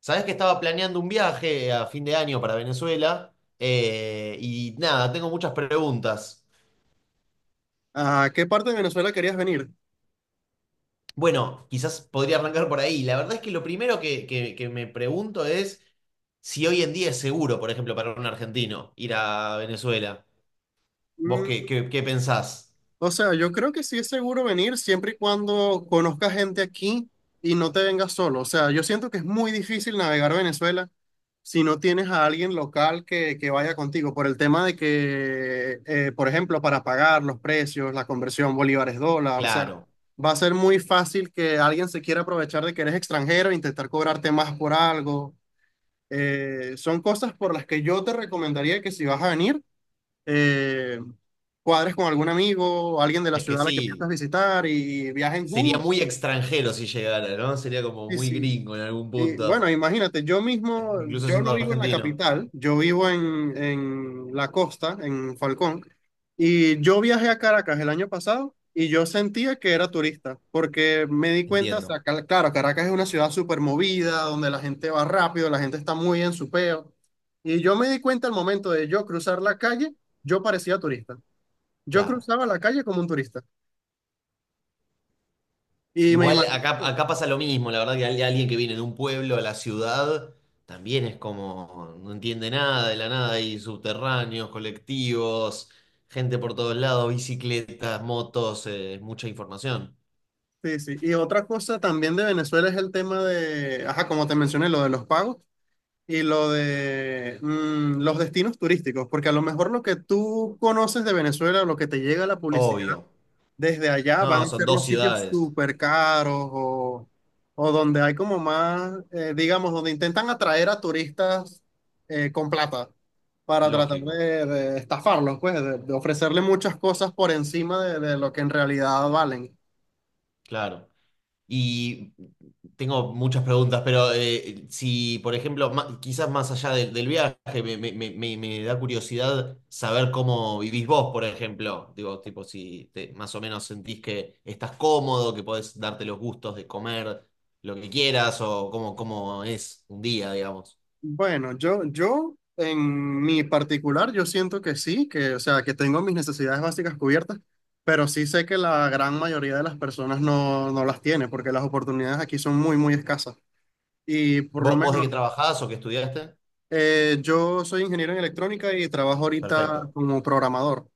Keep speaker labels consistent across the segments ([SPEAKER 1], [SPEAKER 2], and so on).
[SPEAKER 1] Sabés que estaba planeando un viaje a fin de año para Venezuela, y nada, tengo muchas preguntas.
[SPEAKER 2] ¿A qué parte de Venezuela querías venir?
[SPEAKER 1] Bueno, quizás podría arrancar por ahí. La verdad es que lo primero que me pregunto es si hoy en día es seguro, por ejemplo, para un argentino ir a Venezuela. ¿Vos
[SPEAKER 2] Mm,
[SPEAKER 1] qué pensás?
[SPEAKER 2] o sea, yo creo que sí es seguro venir siempre y cuando conozcas gente aquí y no te vengas solo. O sea, yo siento que es muy difícil navegar Venezuela si no tienes a alguien local que vaya contigo, por el tema de que, por ejemplo, para pagar los precios, la conversión bolívares-dólar, o sea,
[SPEAKER 1] Claro,
[SPEAKER 2] va a ser muy fácil que alguien se quiera aprovechar de que eres extranjero e intentar cobrarte más por algo. Son cosas por las que yo te recomendaría que si vas a venir eh, cuadres con algún amigo, alguien de la
[SPEAKER 1] es que
[SPEAKER 2] ciudad a la que
[SPEAKER 1] sí,
[SPEAKER 2] piensas visitar y viajen
[SPEAKER 1] sería
[SPEAKER 2] juntos.
[SPEAKER 1] muy extranjero si llegara, ¿no? Sería como
[SPEAKER 2] Y,
[SPEAKER 1] muy
[SPEAKER 2] sí.
[SPEAKER 1] gringo en algún
[SPEAKER 2] Y bueno,
[SPEAKER 1] punto,
[SPEAKER 2] imagínate, yo mismo,
[SPEAKER 1] incluso
[SPEAKER 2] yo
[SPEAKER 1] siendo
[SPEAKER 2] no vivo en la
[SPEAKER 1] argentino.
[SPEAKER 2] capital, yo vivo en la costa, en Falcón, y yo viajé a Caracas el año pasado y yo sentía que era turista, porque me di cuenta, o
[SPEAKER 1] Entiendo,
[SPEAKER 2] sea, claro, Caracas es una ciudad súper movida, donde la gente va rápido, la gente está muy en su peo, y yo me di cuenta al momento de yo cruzar la calle, yo parecía turista. Yo
[SPEAKER 1] claro.
[SPEAKER 2] cruzaba la calle como un turista. Y me
[SPEAKER 1] Igual
[SPEAKER 2] imagino
[SPEAKER 1] acá,
[SPEAKER 2] que-
[SPEAKER 1] acá pasa lo mismo, la verdad que alguien que viene de un pueblo a la ciudad también es como, no entiende nada de la nada, hay subterráneos, colectivos, gente por todos lados, bicicletas, motos, mucha información.
[SPEAKER 2] Sí, sí. Y otra cosa también de Venezuela es el tema de, ajá, como te mencioné, lo de los pagos y lo de los destinos turísticos. Porque a lo mejor lo que tú conoces de Venezuela, lo que te llega a la publicidad,
[SPEAKER 1] Obvio.
[SPEAKER 2] desde allá van
[SPEAKER 1] No,
[SPEAKER 2] a
[SPEAKER 1] son
[SPEAKER 2] ser los
[SPEAKER 1] dos
[SPEAKER 2] sitios
[SPEAKER 1] ciudades,
[SPEAKER 2] súper caros o donde hay como más, digamos, donde intentan atraer a turistas con plata para tratar
[SPEAKER 1] lógico,
[SPEAKER 2] de estafarlos, pues, de ofrecerle muchas cosas por encima de lo que en realidad valen.
[SPEAKER 1] claro. Y tengo muchas preguntas, pero si, por ejemplo, quizás más allá del viaje, me da curiosidad saber cómo vivís vos, por ejemplo. Digo, tipo, si te- más o menos sentís que estás cómodo, que podés darte los gustos de comer lo que quieras, o cómo es un día, digamos.
[SPEAKER 2] Bueno, yo en mi particular, yo siento que sí, que, o sea, que tengo mis necesidades básicas cubiertas, pero sí sé que la gran mayoría de las personas no las tiene porque las oportunidades aquí son muy, muy escasas. Y por lo
[SPEAKER 1] ¿Vos de
[SPEAKER 2] menos.
[SPEAKER 1] qué trabajás o qué estudiaste?
[SPEAKER 2] Yo soy ingeniero en electrónica y trabajo ahorita
[SPEAKER 1] Perfecto,
[SPEAKER 2] como programador.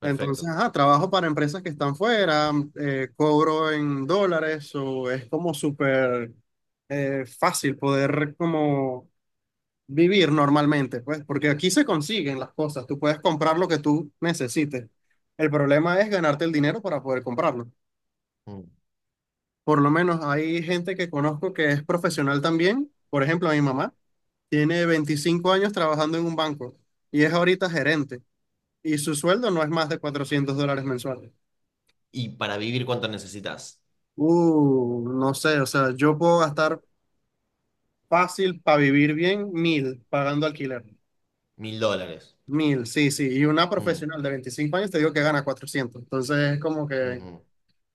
[SPEAKER 2] Entonces, ajá, trabajo para empresas que están fuera, cobro en dólares o es como súper fácil poder como vivir normalmente, pues, porque aquí se consiguen las cosas, tú puedes comprar lo que tú necesites. El problema es ganarte el dinero para poder comprarlo.
[SPEAKER 1] Mm.
[SPEAKER 2] Por lo menos hay gente que conozco que es profesional también, por ejemplo, a mi mamá tiene 25 años trabajando en un banco y es ahorita gerente y su sueldo no es más de $400 mensuales.
[SPEAKER 1] ¿Y para vivir cuánto necesitas?
[SPEAKER 2] No sé, o sea, yo puedo gastar fácil para vivir bien mil pagando alquiler.
[SPEAKER 1] $1000.
[SPEAKER 2] Mil, sí, sí. Y una
[SPEAKER 1] Mm,
[SPEAKER 2] profesional de 25 años te digo que gana cuatrocientos. Entonces es como que,
[SPEAKER 1] ujú.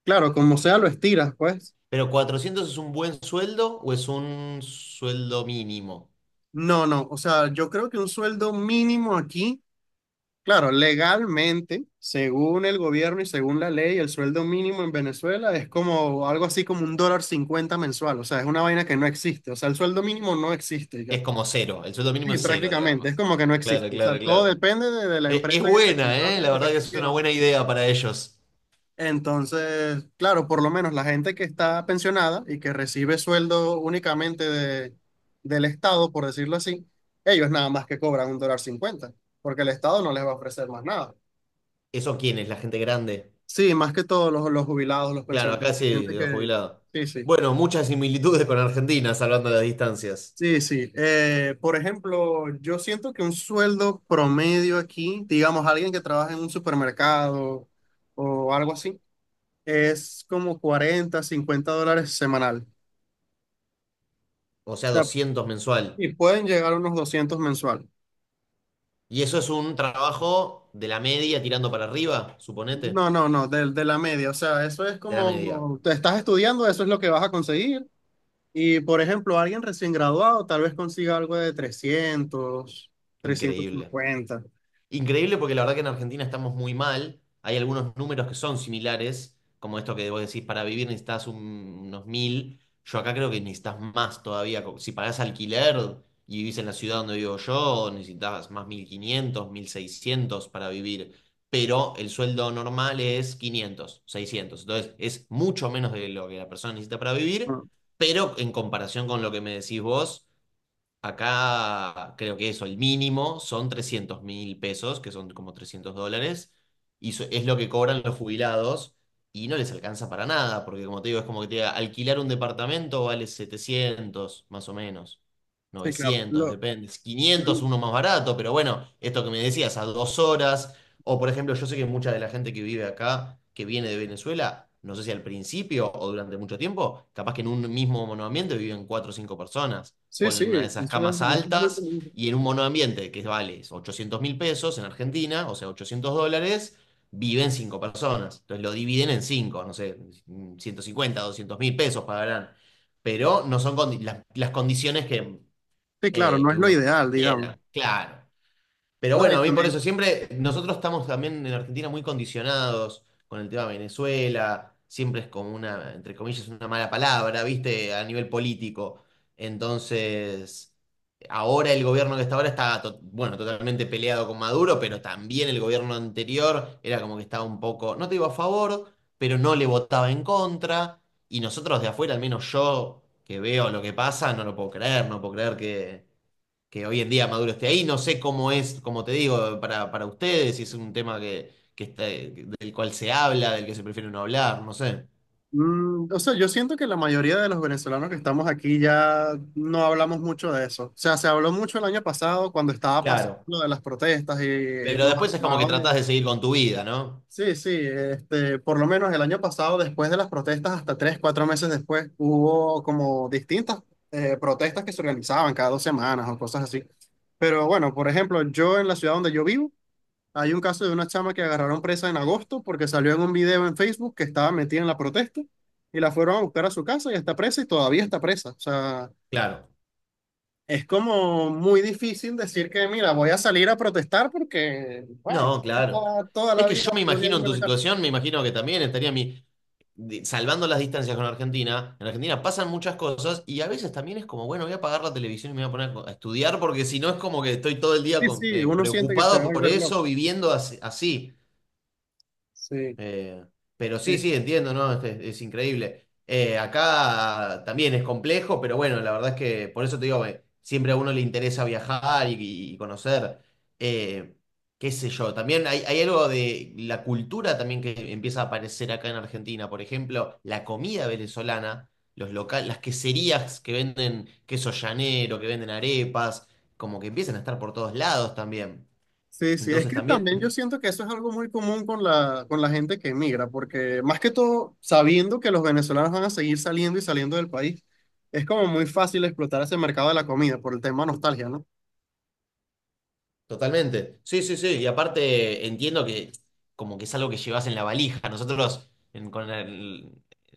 [SPEAKER 2] claro, como sea, lo estiras, pues.
[SPEAKER 1] ¿Pero 400 es un buen sueldo o es un sueldo mínimo?
[SPEAKER 2] No, no, o sea, yo creo que un sueldo mínimo aquí. Claro, legalmente, según el gobierno y según la ley, el sueldo mínimo en Venezuela es como algo así como $1.50 mensual. O sea, es una vaina que no existe. O sea, el sueldo mínimo no existe ya.
[SPEAKER 1] Es como cero, el sueldo mínimo
[SPEAKER 2] Sí,
[SPEAKER 1] es cero,
[SPEAKER 2] prácticamente, es
[SPEAKER 1] digamos.
[SPEAKER 2] como que no
[SPEAKER 1] Claro,
[SPEAKER 2] existe. O
[SPEAKER 1] claro,
[SPEAKER 2] sea, todo
[SPEAKER 1] claro.
[SPEAKER 2] depende de la empresa
[SPEAKER 1] Es,
[SPEAKER 2] que te
[SPEAKER 1] buena,
[SPEAKER 2] contrata
[SPEAKER 1] ¿eh?
[SPEAKER 2] y
[SPEAKER 1] La
[SPEAKER 2] lo
[SPEAKER 1] verdad
[SPEAKER 2] que
[SPEAKER 1] que
[SPEAKER 2] te
[SPEAKER 1] es una
[SPEAKER 2] quiera
[SPEAKER 1] buena
[SPEAKER 2] ofrecer.
[SPEAKER 1] idea para ellos.
[SPEAKER 2] Entonces, claro, por lo menos la gente que está pensionada y que recibe sueldo únicamente del Estado, por decirlo así, ellos nada más que cobran $1.50, porque el Estado no les va a ofrecer más nada.
[SPEAKER 1] ¿Eso quién es? ¿La gente grande?
[SPEAKER 2] Sí, más que todo los jubilados, los
[SPEAKER 1] Claro,
[SPEAKER 2] pensionados,
[SPEAKER 1] acá sí,
[SPEAKER 2] gente
[SPEAKER 1] los
[SPEAKER 2] que...
[SPEAKER 1] jubilados.
[SPEAKER 2] Sí, sí,
[SPEAKER 1] Bueno, muchas similitudes con Argentina, salvando las distancias.
[SPEAKER 2] sí, sí. Por ejemplo, yo siento que un sueldo promedio aquí, digamos, alguien que trabaja en un supermercado o algo así, es como 40 50 dólares semanal.
[SPEAKER 1] O
[SPEAKER 2] O
[SPEAKER 1] sea,
[SPEAKER 2] sea,
[SPEAKER 1] 200 mensual.
[SPEAKER 2] y pueden llegar a unos 200 mensual.
[SPEAKER 1] Y eso es un trabajo de la media tirando para arriba, suponete.
[SPEAKER 2] No, no, no, de la media. O sea, eso es
[SPEAKER 1] De la media.
[SPEAKER 2] como, te estás estudiando, eso es lo que vas a conseguir. Y por ejemplo, alguien recién graduado tal vez consiga algo de 300
[SPEAKER 1] Increíble.
[SPEAKER 2] 350.
[SPEAKER 1] Increíble porque la verdad que en Argentina estamos muy mal. Hay algunos números que son similares, como esto que vos decís, para vivir necesitas unos mil. Yo acá creo que necesitas más todavía. Si pagás alquiler y vivís en la ciudad donde vivo yo, necesitas más mil quinientos, mil seiscientos para vivir. Pero el sueldo normal es 500, 600. Entonces es mucho menos de lo que la persona necesita para vivir,
[SPEAKER 2] Ah,
[SPEAKER 1] pero en comparación con lo que me decís vos. Acá creo que eso, el mínimo son 300.000 pesos, que son como $300, y es lo que cobran los jubilados y no les alcanza para nada, porque como te digo, es como que te diga, alquilar un departamento vale 700 más o menos,
[SPEAKER 2] sí, claro.
[SPEAKER 1] 900
[SPEAKER 2] Lo-
[SPEAKER 1] depende, 500 uno más barato, pero bueno, esto que me decías, a 2 horas, o por ejemplo, yo sé que mucha de la gente que vive acá, que viene de Venezuela, no sé si al principio o durante mucho tiempo, capaz que en un mismo monoambiente viven cuatro o cinco personas,
[SPEAKER 2] sí, sí,
[SPEAKER 1] ponen una de esas
[SPEAKER 2] eso es,
[SPEAKER 1] camas
[SPEAKER 2] eso es muy...
[SPEAKER 1] altas y en un monoambiente que vale 800 mil pesos en Argentina, o sea, $800, viven cinco personas. Entonces lo dividen en cinco, no sé, 150, 200 mil pesos pagarán. Pero no son las condiciones
[SPEAKER 2] Sí, claro, no
[SPEAKER 1] que
[SPEAKER 2] es lo
[SPEAKER 1] uno
[SPEAKER 2] ideal, digamos.
[SPEAKER 1] quiera, claro. Pero
[SPEAKER 2] No,
[SPEAKER 1] bueno,
[SPEAKER 2] y
[SPEAKER 1] a mí por eso
[SPEAKER 2] también,
[SPEAKER 1] siempre, nosotros estamos también en Argentina muy condicionados con el tema de Venezuela, siempre es como una, entre comillas, una mala palabra, ¿viste? A nivel político. Entonces, ahora el gobierno que está ahora está, bueno, totalmente peleado con Maduro, pero también el gobierno anterior era como que estaba un poco, no te iba a favor, pero no le votaba en contra. Y nosotros de afuera, al menos yo que veo lo que pasa, no lo puedo creer, no puedo creer que hoy en día Maduro esté ahí. No sé cómo es, como te digo, para ustedes, si es un tema que está, del cual se habla, del que se prefiere no hablar, no sé.
[SPEAKER 2] o sea, yo siento que la mayoría de los venezolanos que estamos aquí ya no hablamos mucho de eso. O sea, se habló mucho el año pasado cuando estaba pasando
[SPEAKER 1] Claro.
[SPEAKER 2] lo de las protestas y
[SPEAKER 1] Pero
[SPEAKER 2] nos
[SPEAKER 1] después es como que
[SPEAKER 2] acababa
[SPEAKER 1] tratás
[SPEAKER 2] de,
[SPEAKER 1] de seguir con tu vida, ¿no?
[SPEAKER 2] Sí, sí, este, por lo menos el año pasado, después de las protestas, hasta tres, cuatro meses después, hubo como distintas protestas que se organizaban cada 2 semanas o cosas así. Pero bueno, por ejemplo, yo en la ciudad donde yo vivo, hay un caso de una chama que agarraron presa en agosto porque salió en un video en Facebook que estaba metida en la protesta y la fueron a buscar a su casa y está presa y todavía está presa. O sea,
[SPEAKER 1] Claro.
[SPEAKER 2] es como muy difícil decir que, mira, voy a salir a protestar porque, bueno,
[SPEAKER 1] No, claro.
[SPEAKER 2] está toda
[SPEAKER 1] Es
[SPEAKER 2] la
[SPEAKER 1] que yo
[SPEAKER 2] vida
[SPEAKER 1] me
[SPEAKER 2] podría
[SPEAKER 1] imagino en
[SPEAKER 2] irme a
[SPEAKER 1] tu
[SPEAKER 2] la cárcel.
[SPEAKER 1] situación, me imagino que también estaría mi, salvando las distancias con Argentina. En Argentina pasan muchas cosas y a veces también es como, bueno, voy a apagar la televisión y me voy a poner a estudiar porque si no es como que estoy todo el día
[SPEAKER 2] Sí, sí, uno siente que se va a
[SPEAKER 1] preocupado por
[SPEAKER 2] volver loco.
[SPEAKER 1] eso, viviendo así.
[SPEAKER 2] Sí,
[SPEAKER 1] Eh, pero
[SPEAKER 2] Eh,
[SPEAKER 1] sí, sí, entiendo, ¿no? Es increíble. Acá también es complejo, pero bueno, la verdad es que por eso te digo, siempre a uno le interesa viajar y conocer, eh, qué sé yo. También hay algo de la cultura también que empieza a aparecer acá en Argentina. Por ejemplo, la comida venezolana, los locales, las queserías que venden queso llanero, que venden arepas, como que empiezan a estar por todos lados también.
[SPEAKER 2] Sí, sí, es
[SPEAKER 1] Entonces
[SPEAKER 2] que
[SPEAKER 1] también
[SPEAKER 2] también yo siento que eso es algo muy común con la, gente que emigra, porque más que todo, sabiendo que los venezolanos van a seguir saliendo y saliendo del país, es como muy fácil explotar ese mercado de la comida por el tema nostalgia, ¿no?
[SPEAKER 1] totalmente. Sí, sí, sí. Y aparte entiendo que como que es algo que llevas en la valija. Nosotros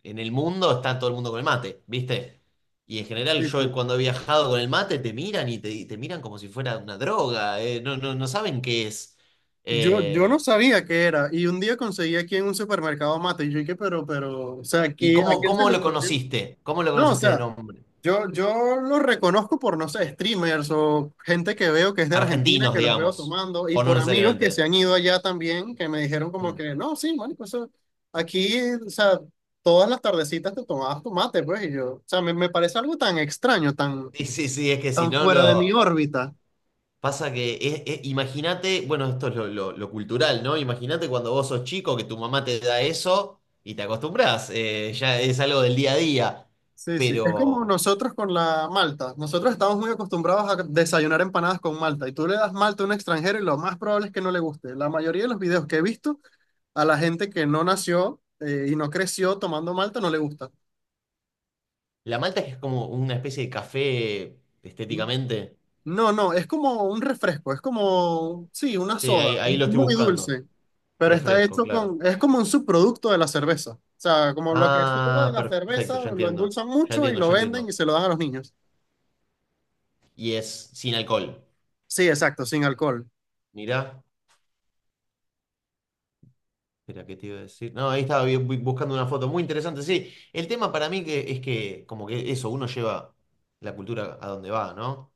[SPEAKER 1] en el mundo está todo el mundo con el mate, ¿viste? Y en general
[SPEAKER 2] Sí,
[SPEAKER 1] yo
[SPEAKER 2] sí.
[SPEAKER 1] cuando he viajado con el mate te miran y te miran como si fuera una droga. No, no, no saben qué es.
[SPEAKER 2] Yo no
[SPEAKER 1] Eh,
[SPEAKER 2] sabía qué era, y un día conseguí aquí en un supermercado mate, y yo dije, pero, o sea,
[SPEAKER 1] ¿y
[SPEAKER 2] ¿a
[SPEAKER 1] cómo,
[SPEAKER 2] quién se
[SPEAKER 1] cómo
[SPEAKER 2] le
[SPEAKER 1] lo
[SPEAKER 2] ocurrió?
[SPEAKER 1] conociste? ¿Cómo lo
[SPEAKER 2] No, o
[SPEAKER 1] conociste de
[SPEAKER 2] sea,
[SPEAKER 1] nombre?
[SPEAKER 2] yo los reconozco por, no sé, streamers o gente que veo que es de Argentina,
[SPEAKER 1] Argentinos,
[SPEAKER 2] que los veo
[SPEAKER 1] digamos.
[SPEAKER 2] tomando, y
[SPEAKER 1] O no
[SPEAKER 2] por amigos que se
[SPEAKER 1] necesariamente.
[SPEAKER 2] han ido allá también, que me dijeron como
[SPEAKER 1] Mm.
[SPEAKER 2] que, no, sí, marico, eso, aquí, o sea, todas las tardecitas te tomabas tu mate, pues, y yo, o sea, me parece algo tan extraño, tan,
[SPEAKER 1] Sí, sí, sí. Es que si
[SPEAKER 2] tan
[SPEAKER 1] no
[SPEAKER 2] fuera de mi
[SPEAKER 1] lo...
[SPEAKER 2] órbita.
[SPEAKER 1] Pasa que, imagínate, bueno, esto es lo, lo cultural, ¿no? Imagínate cuando vos sos chico que tu mamá te da eso y te acostumbras, ya es algo del día a día.
[SPEAKER 2] Sí, sí, es como
[SPEAKER 1] Pero
[SPEAKER 2] nosotros con la malta. Nosotros estamos muy acostumbrados a desayunar empanadas con malta, y tú le das malta a un extranjero y lo más probable es que no le guste. La mayoría de los videos que he visto. A la gente que no nació y no creció tomando malta no le gusta.
[SPEAKER 1] la malta es que es como una especie de café
[SPEAKER 2] Mm.
[SPEAKER 1] estéticamente.
[SPEAKER 2] No, no, es como un refresco, es como, sí, una
[SPEAKER 1] Sí,
[SPEAKER 2] soda, es
[SPEAKER 1] ahí lo estoy
[SPEAKER 2] muy
[SPEAKER 1] buscando.
[SPEAKER 2] dulce, pero está
[SPEAKER 1] Refresco,
[SPEAKER 2] hecho
[SPEAKER 1] claro.
[SPEAKER 2] con, es como un subproducto de la cerveza. O sea, como lo que sobra de
[SPEAKER 1] Ah,
[SPEAKER 2] la
[SPEAKER 1] perfecto,
[SPEAKER 2] cerveza,
[SPEAKER 1] ya
[SPEAKER 2] lo
[SPEAKER 1] entiendo.
[SPEAKER 2] endulzan
[SPEAKER 1] Ya
[SPEAKER 2] mucho y
[SPEAKER 1] entiendo,
[SPEAKER 2] lo
[SPEAKER 1] ya entiendo.
[SPEAKER 2] venden y se lo dan a los niños.
[SPEAKER 1] Y es sin alcohol.
[SPEAKER 2] Sí, exacto, sin alcohol.
[SPEAKER 1] Mirá. Espera, ¿qué te iba a decir? No, ahí estaba buscando una foto muy interesante. Sí, el tema para mí que es que, como que eso, uno lleva la cultura a donde va, ¿no?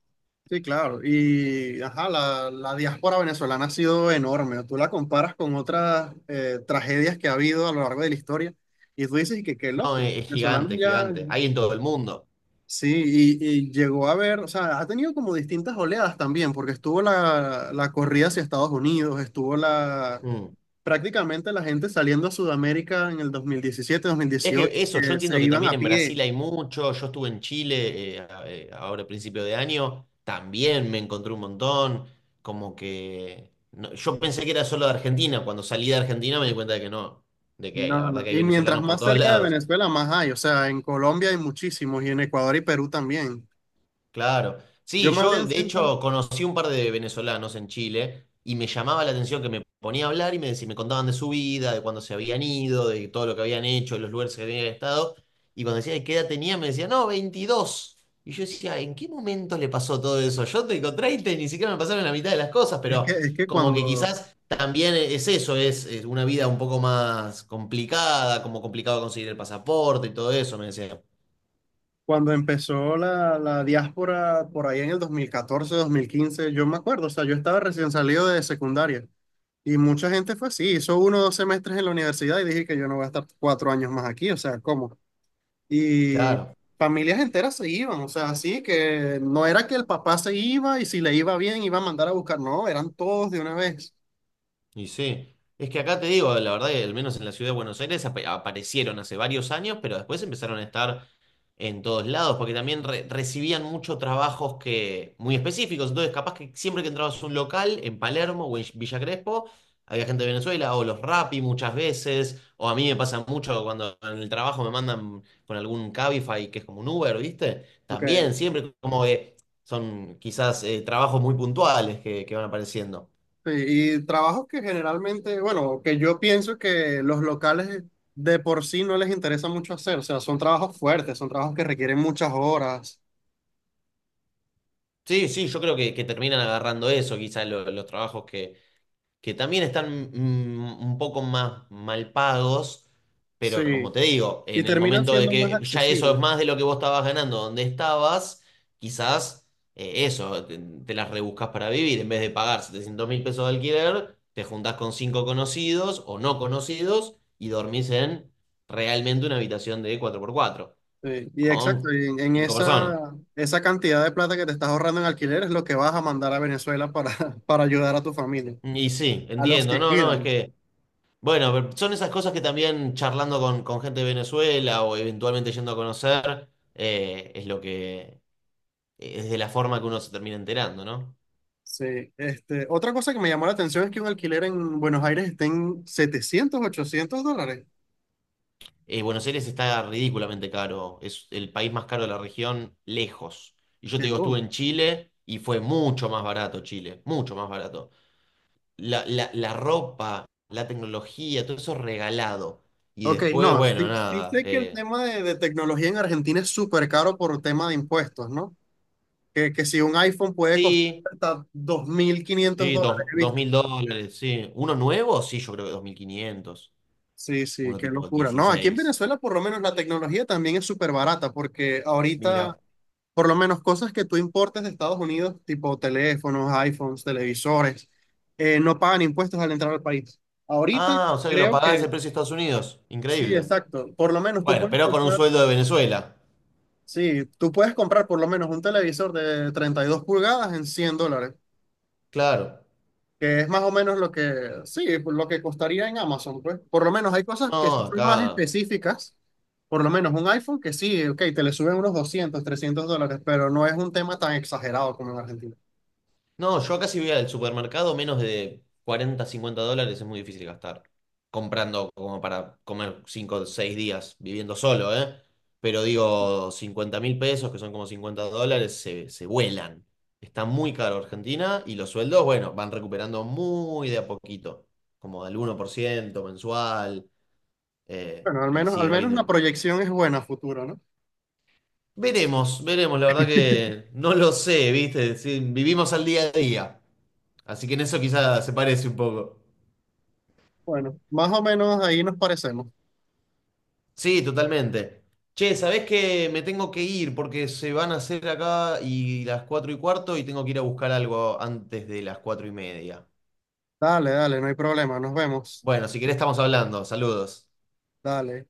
[SPEAKER 2] Sí, claro. Y, ajá, la, diáspora venezolana ha sido enorme. Tú la comparas con otras tragedias que ha habido a lo largo de la historia y tú dices y que qué
[SPEAKER 1] No,
[SPEAKER 2] loco, los
[SPEAKER 1] es- es
[SPEAKER 2] venezolanos
[SPEAKER 1] gigante, es
[SPEAKER 2] ya,
[SPEAKER 1] gigante. Hay en todo el mundo.
[SPEAKER 2] Sí, y llegó a ver, o sea, ha tenido como distintas oleadas también, porque estuvo la corrida hacia Estados Unidos, estuvo la,
[SPEAKER 1] Mm.
[SPEAKER 2] prácticamente la gente saliendo a Sudamérica en el 2017 dos mil
[SPEAKER 1] Es
[SPEAKER 2] dieciocho
[SPEAKER 1] que eso, yo
[SPEAKER 2] que
[SPEAKER 1] entiendo
[SPEAKER 2] se
[SPEAKER 1] que
[SPEAKER 2] iban
[SPEAKER 1] también
[SPEAKER 2] a
[SPEAKER 1] en
[SPEAKER 2] pie.
[SPEAKER 1] Brasil hay mucho. Yo estuve en Chile ahora a principio de año, también me encontré un montón. Como que yo pensé que era solo de Argentina. Cuando salí de Argentina me di cuenta de que no, de que hay, la
[SPEAKER 2] No,
[SPEAKER 1] verdad
[SPEAKER 2] no.
[SPEAKER 1] que hay
[SPEAKER 2] Y mientras
[SPEAKER 1] venezolanos por
[SPEAKER 2] más
[SPEAKER 1] todos
[SPEAKER 2] cerca de
[SPEAKER 1] lados.
[SPEAKER 2] Venezuela, más hay. O sea, en Colombia hay muchísimos y en Ecuador y Perú también.
[SPEAKER 1] Claro.
[SPEAKER 2] Yo
[SPEAKER 1] Sí,
[SPEAKER 2] más
[SPEAKER 1] yo
[SPEAKER 2] bien
[SPEAKER 1] de
[SPEAKER 2] siento,
[SPEAKER 1] hecho conocí un par de venezolanos en Chile y me llamaba la atención que me ponía a hablar y me contaban de su vida, de cuándo se habían ido, de todo lo que habían hecho, de los lugares que habían estado. Y cuando decía, ¿qué edad tenía? Me decía, no, 22. Y yo decía, ¿en qué momento le pasó todo eso? Yo tengo 30 y ni siquiera me pasaron la mitad de las cosas,
[SPEAKER 2] es que,
[SPEAKER 1] pero
[SPEAKER 2] es que
[SPEAKER 1] como que
[SPEAKER 2] cuando,
[SPEAKER 1] quizás también es eso, es una vida un poco más complicada, como complicado conseguir el pasaporte y todo eso, me decía.
[SPEAKER 2] cuando empezó la diáspora por ahí en el 2014 2015 yo me acuerdo, o sea, yo estaba recién salido de secundaria. Y mucha gente fue así, hizo uno o dos semestres en la universidad y dije que yo no voy a estar 4 años más aquí, o sea, ¿cómo? Y
[SPEAKER 1] Claro.
[SPEAKER 2] familias enteras se iban, o sea, así que no era que el papá se iba y si le iba bien iba a mandar a buscar, no, eran todos de una vez.
[SPEAKER 1] Y sí, es que acá te digo, la verdad que al menos en la ciudad de Buenos Aires aparecieron hace varios años, pero después empezaron a estar en todos lados, porque también recibían muchos trabajos muy específicos. Entonces, capaz que siempre que entrabas a un local en Palermo o en Villa Crespo, había gente de Venezuela, o los Rappi muchas veces, o a mí me pasa mucho cuando en el trabajo me mandan con algún Cabify, que es como un Uber, ¿viste?
[SPEAKER 2] Ok.
[SPEAKER 1] También, siempre como que son quizás trabajos muy puntuales que van apareciendo.
[SPEAKER 2] Sí, y trabajos que generalmente, bueno, que yo pienso que los locales de por sí no les interesa mucho hacer, o sea, son trabajos fuertes, son trabajos que requieren muchas horas,
[SPEAKER 1] Sí, sí, yo creo que terminan agarrando eso, quizás los trabajos que también están un poco más mal pagos, pero como
[SPEAKER 2] sí,
[SPEAKER 1] te digo,
[SPEAKER 2] y
[SPEAKER 1] en el
[SPEAKER 2] terminan
[SPEAKER 1] momento de
[SPEAKER 2] siendo más
[SPEAKER 1] que ya eso es
[SPEAKER 2] accesibles.
[SPEAKER 1] más de lo que vos estabas ganando donde estabas, quizás eso, te las rebuscas para vivir, en vez de pagar 700 mil pesos de alquiler, te juntás con cinco conocidos o no conocidos y dormís en realmente una habitación de cuatro por cuatro
[SPEAKER 2] Sí, y exacto,
[SPEAKER 1] con
[SPEAKER 2] y en
[SPEAKER 1] cinco personas.
[SPEAKER 2] esa cantidad de plata que te estás ahorrando en alquiler es lo que vas a mandar a Venezuela para, para ayudar a tu familia,
[SPEAKER 1] Y sí,
[SPEAKER 2] a los
[SPEAKER 1] entiendo,
[SPEAKER 2] que
[SPEAKER 1] no, no, es
[SPEAKER 2] quieran
[SPEAKER 1] que... Bueno, pero son esas cosas que también charlando con gente de Venezuela o eventualmente yendo a conocer, es lo que, es de la forma que uno se termina enterando, ¿no?
[SPEAKER 2] Sí, este, otra cosa que me llamó la atención es que un alquiler en Buenos Aires está en setecientos ochocientos dólares.
[SPEAKER 1] Buenos Aires está ridículamente caro, es el país más caro de la región, lejos. Y yo te
[SPEAKER 2] Qué
[SPEAKER 1] digo, estuve
[SPEAKER 2] loco.
[SPEAKER 1] en Chile y fue mucho más barato Chile, mucho más barato. La ropa, la tecnología, todo eso regalado. Y
[SPEAKER 2] Ok,
[SPEAKER 1] después,
[SPEAKER 2] no,
[SPEAKER 1] bueno,
[SPEAKER 2] sí, sí
[SPEAKER 1] nada.
[SPEAKER 2] sé que el tema de tecnología en Argentina es súper caro por tema de impuestos, ¿no? Que si un iPhone puede costar
[SPEAKER 1] Sí.
[SPEAKER 2] hasta 2.500
[SPEAKER 1] Sí,
[SPEAKER 2] dólares,
[SPEAKER 1] dos
[SPEAKER 2] ¿viste?
[SPEAKER 1] mil dólares, sí. ¿Uno nuevo? Sí, yo creo que 2500.
[SPEAKER 2] Sí, sí,
[SPEAKER 1] Uno
[SPEAKER 2] qué
[SPEAKER 1] tipo
[SPEAKER 2] locura. No, aquí en
[SPEAKER 1] 16.
[SPEAKER 2] Venezuela por lo menos la tecnología también es súper barata porque ahorita
[SPEAKER 1] Mira.
[SPEAKER 2] por lo menos cosas que tú importes de Estados Unidos, tipo teléfonos, iPhones, televisores, no pagan impuestos al entrar al país. Ahorita
[SPEAKER 1] Ah, o sea que lo
[SPEAKER 2] creo
[SPEAKER 1] pagás ese
[SPEAKER 2] que
[SPEAKER 1] precio de Estados Unidos.
[SPEAKER 2] sí,
[SPEAKER 1] Increíble.
[SPEAKER 2] exacto. Por lo menos tú
[SPEAKER 1] Bueno,
[SPEAKER 2] puedes
[SPEAKER 1] pero con un
[SPEAKER 2] comprar,
[SPEAKER 1] sueldo de Venezuela.
[SPEAKER 2] sí, tú puedes comprar por lo menos un televisor de 32 pulgadas en $100.
[SPEAKER 1] Claro.
[SPEAKER 2] Que es más o menos lo que, sí, por lo que costaría en Amazon, pues. Por lo menos hay cosas que
[SPEAKER 1] No,
[SPEAKER 2] sí son más
[SPEAKER 1] acá.
[SPEAKER 2] específicas, por lo menos un iPhone que sí, ok, te le suben unos 200 300 dólares, pero no es un tema tan exagerado como en Argentina.
[SPEAKER 1] No, yo acá si voy al supermercado, menos de 40 50 dólares es muy difícil gastar. Comprando como para comer 5 o 6 días viviendo solo, ¿eh? Pero digo, 50.000 pesos, que son como $50, se vuelan. Está muy caro Argentina y los sueldos, bueno, van recuperando muy de a poquito, como al 1% mensual,
[SPEAKER 2] Bueno,
[SPEAKER 1] y
[SPEAKER 2] al
[SPEAKER 1] sigue
[SPEAKER 2] menos la
[SPEAKER 1] habiendo...
[SPEAKER 2] proyección es buena a futuro, ¿no?
[SPEAKER 1] Veremos, veremos, la verdad que no lo sé, ¿viste? Sí, vivimos al día a día, así que en eso quizás se parece un poco.
[SPEAKER 2] Bueno, más o menos ahí nos parecemos.
[SPEAKER 1] Sí, totalmente. Che, ¿sabés que me tengo que ir porque se van a hacer acá y las 4:15 y tengo que ir a buscar algo antes de las 4:30?
[SPEAKER 2] Dale, dale, no hay problema, nos vemos.
[SPEAKER 1] Bueno, si querés estamos hablando. Saludos.
[SPEAKER 2] Dale.